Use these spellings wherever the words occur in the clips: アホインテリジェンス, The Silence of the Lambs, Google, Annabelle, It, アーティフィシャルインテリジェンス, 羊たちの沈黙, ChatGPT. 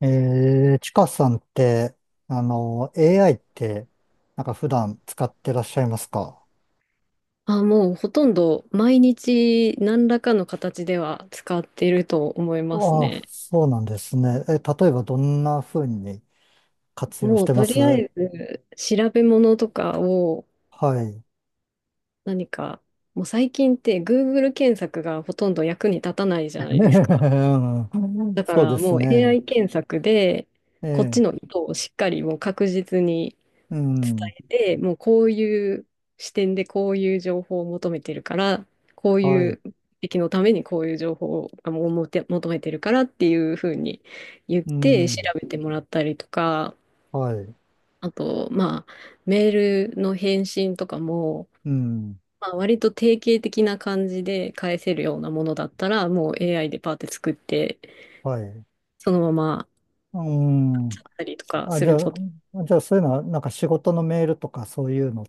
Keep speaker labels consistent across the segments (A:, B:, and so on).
A: ちかさんって、AI って、なんか普段使ってらっしゃいますか？
B: あ、もうほとんど毎日何らかの形では使っていると思います
A: ああ、
B: ね。
A: そうなんですね。例えばどんな風に活用し
B: もう
A: てま
B: と
A: す？
B: りあえず調べ物とかを
A: はい。
B: 何か、もう最近って Google 検索がほとんど役に立たないじゃ ないですか。
A: うん、
B: だか
A: そう
B: ら
A: です
B: もう
A: ね。
B: AI 検索で
A: え
B: こっち
A: え、
B: の意図をしっかりもう確実に
A: う
B: 伝
A: ん、
B: えて、もうこういう視点でこういう情報を求めてるから、こう
A: は
B: い
A: い、
B: う目的のためにこういう情報をあもうもて求めてるからっていうふうに言っ
A: う
B: て調
A: ん、
B: べてもらったりとか、
A: はい、
B: あと、まあ、メールの返信とかも、
A: うん、
B: まあ、割と定型的な感じで返せるようなものだったら、もう AI でパーって作って、
A: はい、
B: そのまま
A: うん。
B: やったりとか
A: あ、
B: す
A: じゃ
B: る
A: あ、
B: こと。
A: そういうのは、なんか仕事のメールとかそういうのっ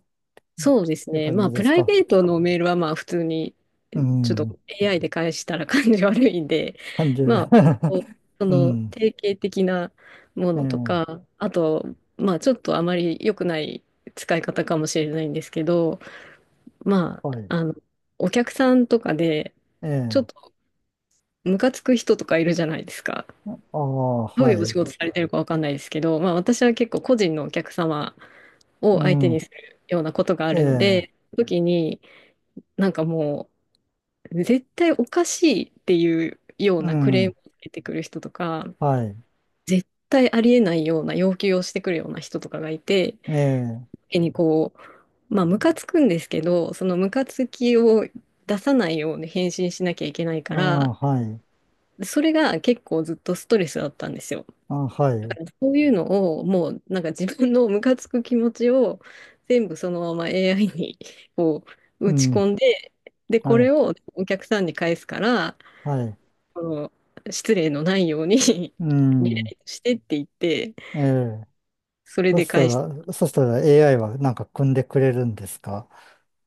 B: そうです
A: ていう
B: ね。
A: 感
B: ま
A: じ
B: あ、
A: で
B: プ
A: す
B: ライ
A: か？
B: ベートのメールはまあ、普通に、
A: う
B: ちょっと
A: ん。
B: AI で返したら感じ悪いんで、
A: 30。
B: まあ、こう そ
A: う
B: の
A: ん。
B: 定型的なも
A: ええ、
B: のとか、あと、まあ、ちょっとあまり良くない使い方かもしれないんですけど、まあ、
A: はい。
B: お客さんとかで、
A: え
B: ちょっ
A: え、
B: とムカつく人とかいるじゃないですか。
A: ああ、
B: どうい
A: は
B: うお仕
A: い。
B: 事されてるかわかんないですけど、まあ、私は結構個人のお客様
A: う
B: を相手
A: ん。
B: にするようなことがあ
A: え
B: るの
A: え、
B: で、時に、なんかもう、絶対おかしいっていうよう
A: う
B: なクレー
A: ん。
B: ムを出てくる人とか、
A: はい。
B: 絶対ありえないような要求をしてくるような人とかがいて、
A: ええ、
B: 手にこう、まあ、ムカつくんですけど、そのムカつきを出さないように返信しなきゃいけないか
A: あ
B: ら、
A: あ、はい。
B: それが結構ずっとストレスだったんですよ。
A: ああ、は
B: だか
A: い。
B: らそういうのを、もうなんか自分のムカつく気持ちを全部そのまま AI にこう
A: う
B: 打ち
A: ん。
B: 込んで、で、
A: は
B: これ
A: い。
B: をお客さんに返すから、
A: はい。
B: の失礼のないように
A: う
B: リラ
A: ん。
B: イトしてって言って、
A: ええ、
B: それ
A: そ
B: で
A: した
B: 返し
A: ら、そしたら AI はなんか組んでくれるんですか？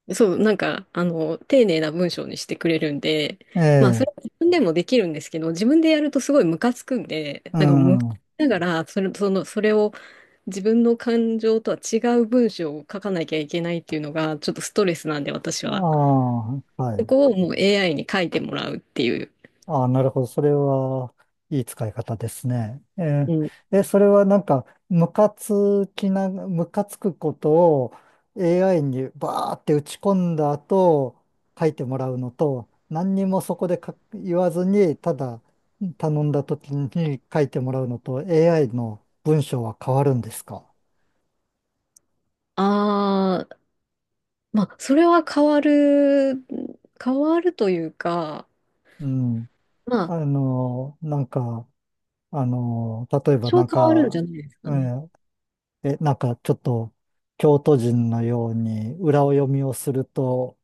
B: て、そう、なんか、丁寧な文章にしてくれるんで、
A: え
B: まあ、そ
A: え、
B: れは自分でもできるんですけど、自分でやるとすごいムカつくんで、
A: う
B: なんか、む
A: ん。あ
B: ながら、それを自分の感情とは違う文章を書かなきゃいけないっていうのが、ちょっとストレスなんで、私は。
A: あ、は
B: そ
A: い。
B: こをもう AI に書いてもらうっていう。
A: ああ、なるほど。それは、いい使い方ですね。
B: うん。
A: それはなんか、ムカつくことを AI にバーって打ち込んだ後、書いてもらうのと、何にもそこで書言わずに、ただ頼んだ時に書いてもらうのと、AI の文章は変わるんですか？
B: ああ、まあ、それは変わるというか、
A: うん。
B: まあ、
A: なんか、例えばな
B: 多少
A: ん
B: 変わるんじゃ
A: か、
B: ないですか
A: う
B: ね。
A: ん、なんかちょっと京都人のように裏を読みをすると、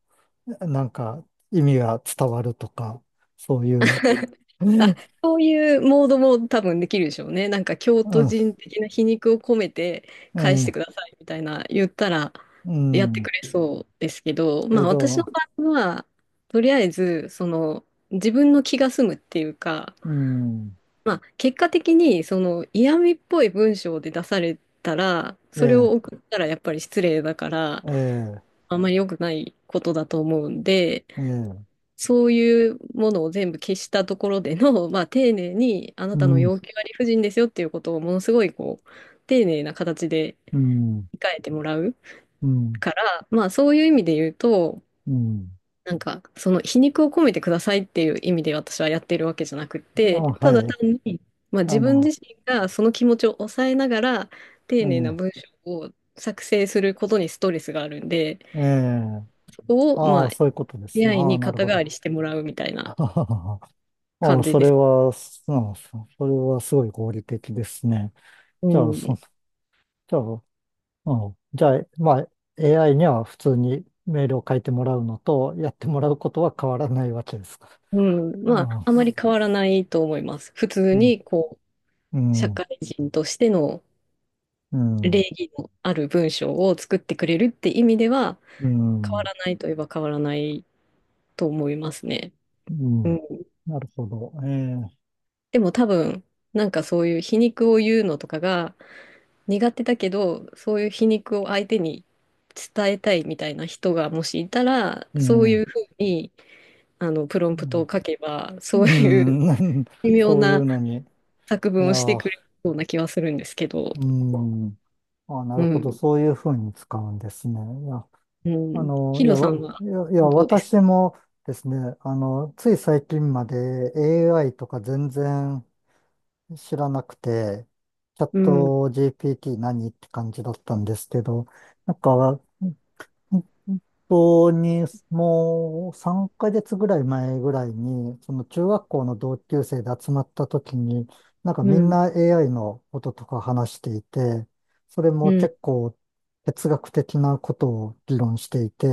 A: なんか意味が伝わるとか、そういう。
B: ま
A: う
B: あ、
A: ん、
B: そういうモードも多分できるでしょうね。なんか京都人的な皮肉を込めて返して
A: え
B: くださいみたいな言ったら
A: え、う
B: やって
A: ん、
B: くれそうですけど、ま
A: け
B: あ私の
A: ど、
B: 場合は、とりあえず、その自分の気が済むっていうか、
A: うん、
B: まあ結果的にその嫌味っぽい文章で出されたら、
A: え
B: それを
A: え、
B: 送ったらやっぱり失礼だから、
A: ええ、
B: あんまり良くないことだと思うんで、
A: ええ、
B: そういうものを全部消したところでの、まあ、丁寧にあな
A: う
B: たの
A: ん、
B: 要求は理不尽ですよっていうことをものすごいこう丁寧な形で
A: うん、
B: 控えてもらう
A: うん、
B: から、まあ、そういう意味で言うと
A: うん。
B: なんかその皮肉を込めてくださいっていう意味で私はやってるわけじゃなくっ
A: あ、
B: てただ
A: はい。
B: 単に、まあ、自
A: あ
B: 分
A: の、
B: 自身がその気持ちを抑えながら丁寧な
A: え
B: 文章を作成することにストレスがあるんで、
A: え、ええ、
B: そこを
A: あ
B: ま
A: あ、
B: あ
A: そういうことですね。
B: AI
A: ああ、
B: に
A: なる
B: 肩
A: ほ
B: 代わ
A: ど。
B: りしてもらうみたい な
A: ああ、
B: 感じ
A: そ
B: で
A: れ
B: す。
A: は、うん、それはすごい合理的ですね。
B: う
A: じゃあ、じ
B: ん
A: ゃあ、うん。じゃあ、まあ、AI には普通にメールを書いてもらうのと、やってもらうことは変わらないわけですか。
B: うん、
A: う
B: まあ、あまり変わらないと思います。普通
A: ん。
B: に、こう、
A: う
B: 社
A: ん。
B: 会人としての
A: う
B: 礼
A: ん。
B: 儀のある文章を作ってくれるって意味では、
A: うん。う
B: 変わ
A: ん。
B: らないといえば変わらないと思いますね。うん。
A: なるほど。ええ。
B: でも多分、なんかそういう皮肉を言うのとかが苦手だけど、そういう皮肉を相手に伝えたいみたいな人がもしいたら、
A: う
B: そう
A: ん。
B: い
A: う
B: うふうに、プロンプト
A: ん。
B: を書けば、そう
A: う
B: いう
A: ん。
B: 微 妙
A: そういう
B: な
A: のに。
B: 作
A: い
B: 文
A: や
B: をしてく
A: ー、
B: れそうな気はするんですけど、
A: うん。あ、な
B: う
A: るほど。
B: ん、
A: そういうふうに使うんですね。いや、
B: うん。ヒ
A: い
B: ロ
A: や、
B: さんは
A: いや、
B: どうです
A: 私
B: か？
A: もですね、つい最近まで AI とか全然、知らなくて、チャッ
B: うん、
A: ト GPT 何って感じだったんですけど、なんか、本当にもう3ヶ月ぐらい前ぐらいに、その中学校の同級生で集まった時に、なんか
B: う
A: みん
B: ん、
A: な AI のこととか話していて、それ
B: う
A: も
B: ん。
A: 結構哲学的なことを議論していて、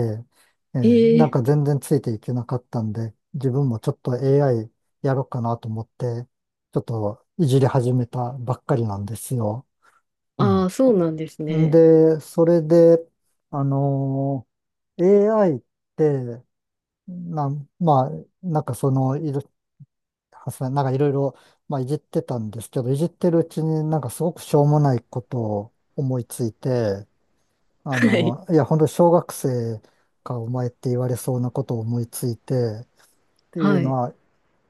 B: え
A: なん
B: ー、
A: か全然ついていけなかったんで、自分もちょっと AI やろうかなと思って、ちょっといじり始めたばっかりなんですよ。う
B: あ
A: ん
B: あ、そうなんです
A: ん
B: ね。
A: で、それで、あのー AI って、まあ、なんかその、いる、はさなんかいろいろ、まあ、いじってたんですけど、いじってるうちになんかすごくしょうもないことを思いついて、
B: はい、
A: いや、本当、小学生かお前って言われそうなことを思いついて、ってい
B: は
A: うの
B: い、
A: は、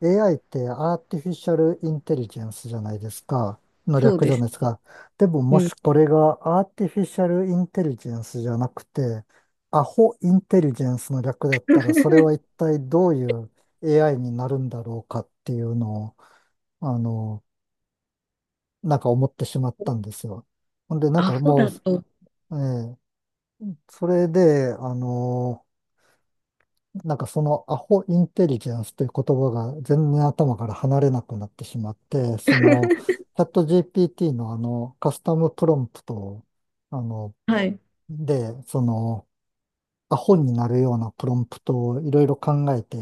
A: AI ってアーティフィシャルインテリジェンスじゃないですか。の
B: そう
A: 略じ
B: で
A: ゃ
B: す。
A: ないですか。でも
B: う
A: も
B: ん。
A: しこれがアーティフィシャルインテリジェンスじゃなくて、アホインテリジェンスの略だったら、それは一 体どういう AI になるんだろうかっていうのを、あの、なんか思ってしまったんですよ。ほんで、なん
B: ア
A: か
B: ホ
A: もう、
B: だと、
A: ええ、それで、なんかそのアホインテリジェンスという言葉が全然頭から離れなくなってしまって、そのチャット GPT のあのカスタムプロンプトを、あの、
B: はい。
A: で、そのアホになるようなプロンプトをいろいろ考えて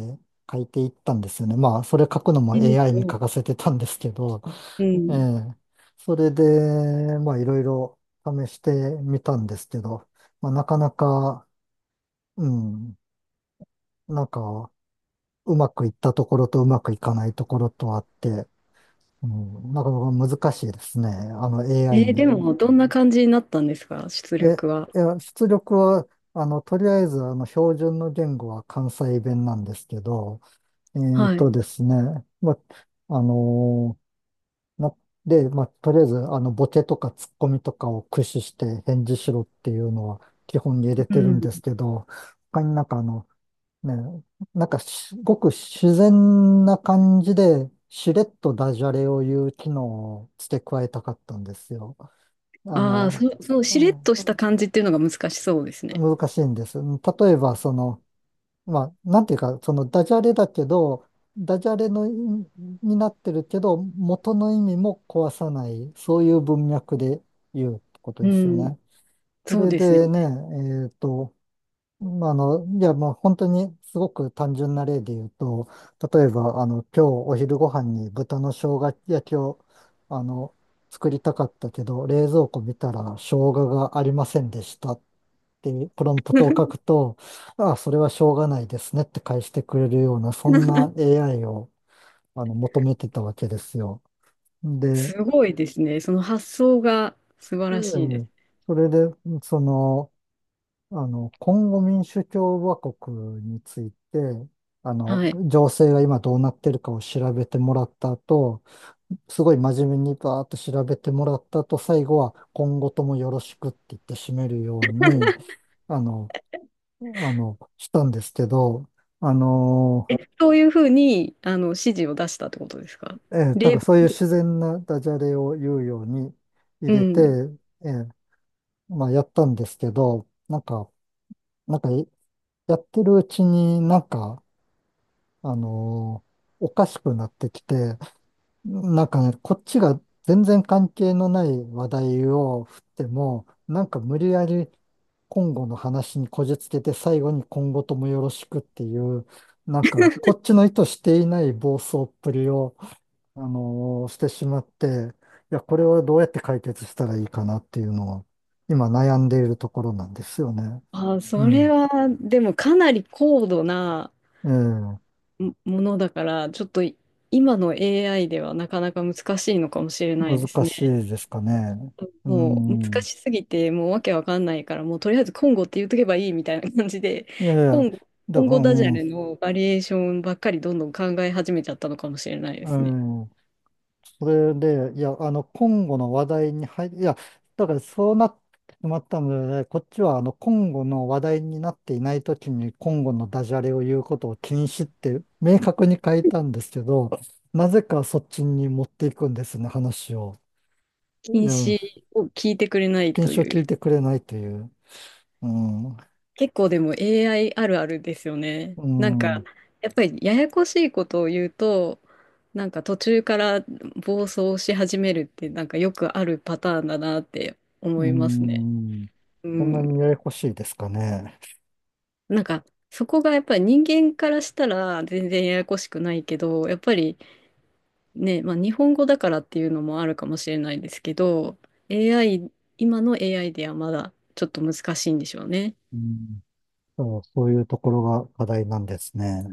A: 書いていったんですよね。まあ、それ書くのも
B: えー
A: AI に書
B: と、
A: かせてたんですけど、
B: う
A: え
B: ん。
A: え、それで、まあいろいろ試してみたんですけど、まあなかなか、うん、なんか、うまくいったところとうまくいかないところとあって、うん、なかなか難しいですね。あの AI
B: で
A: に。
B: も、どんな感じになったんですか、出
A: え、
B: 力は？
A: いや、出力は、とりあえず、標準の言語は関西弁なんですけど、
B: はい。
A: ですね、ま、あのな、で、ま、とりあえず、ボケとかツッコミとかを駆使して返事しろっていうのは基本に入れ
B: う
A: てるん
B: ん。
A: ですけど、他になんかね、なんかすごく自然な感じで、しれっとダジャレを言う機能を付け加えたかったんですよ。あ
B: ああ、
A: の、
B: そう、そう、し
A: う
B: れっ
A: ん、
B: とした感じっていうのが難しそうですね。
A: 難しいんです。例えば、その、まあ、なんていうか、そのダジャレだけど、ダジャレの意味になってるけど、元の意味も壊さない、そういう文脈で言うってこと
B: う
A: ですよ
B: ん。
A: ね。そ
B: そう
A: れ
B: ですよね。
A: でね、えっと、まあいや、もう本当にすごく単純な例で言うと、例えば、今日お昼ご飯に豚の生姜焼きを、あの、作りたかったけど、冷蔵庫見たら生姜がありませんでしたっていうプロンプトを書くと、ああ、それはしょうがないですねって返してくれるような、そんな AI を、求めてたわけですよ。で、
B: すごいですね。その発想が素晴らしい
A: う
B: です。
A: ん、それで、その、今後民主共和国について、あの、
B: はい。
A: 情勢が今どうなってるかを調べてもらった後、すごい真面目にバーっと調べてもらった後、最後は今後ともよろしくって言って締めるように、あの、したんですけど、あの、
B: え、そういうふうに、指示を出したってことですか？
A: なん
B: 例、
A: かそういう自然なダジャレを言うように入
B: う
A: れて、
B: ん。
A: えーまあやったんですけど、なんかやってるうちになんか、あのおかしくなってきて、なんかね、こっちが全然関係のない話題を振っても、なんか無理やり今後の話にこじつけて最後に今後ともよろしくっていう、なんかこっちの意図していない暴走っぷりを、してしまって、いや、これをどうやって解決したらいいかなっていうのを今悩んでいるところなんですよね。
B: あ、
A: う
B: それ
A: ん。
B: は、でもかなり高度な
A: ええ、
B: ものだから、ちょっと今の AI ではなかなか難しいのかもしれないです
A: 難しい
B: ね。
A: ですかね。う
B: もう難
A: ん。
B: しすぎて、もうわけわかんないから、もうとりあえずコンゴって言っとけばいいみたいな感じで、
A: いやい
B: コ
A: や、
B: ンゴ、コ
A: だ
B: ン
A: から、
B: ゴ
A: う
B: ダジャレ
A: ん、
B: のバリエーションばっかりどんどん考え始めちゃったのかもしれないで
A: う
B: すね。
A: ん。それで、いや、今後の話題に入り、いや、だからそうなってしまったので、こっちは、今後の話題になっていないときに、今後のダジャレを言うことを禁止って、明確に書いたんですけど、なぜかそっちに持っていくんですね、話を。い
B: 禁
A: や、
B: 止を聞いてくれない
A: 禁
B: と
A: 止を
B: い
A: 聞
B: う。
A: いてくれないという。うん、
B: 結構でも AI あるあるですよね。
A: う
B: なんか、
A: ん、
B: やっぱりややこしいことを言うと、なんか途中から暴走し始めるってなんかよくあるパターンだなって
A: う
B: 思いますね。
A: ん。
B: う
A: こんなに
B: ん。
A: ややこしいですかね。
B: なんか、そこがやっぱり人間からしたら全然ややこしくないけど、やっぱりね、まあ日本語だからっていうのもあるかもしれないですけど、AI、今の AI ではまだちょっと難しいんでしょうね。
A: うん。そう、そういうところが課題なんですね。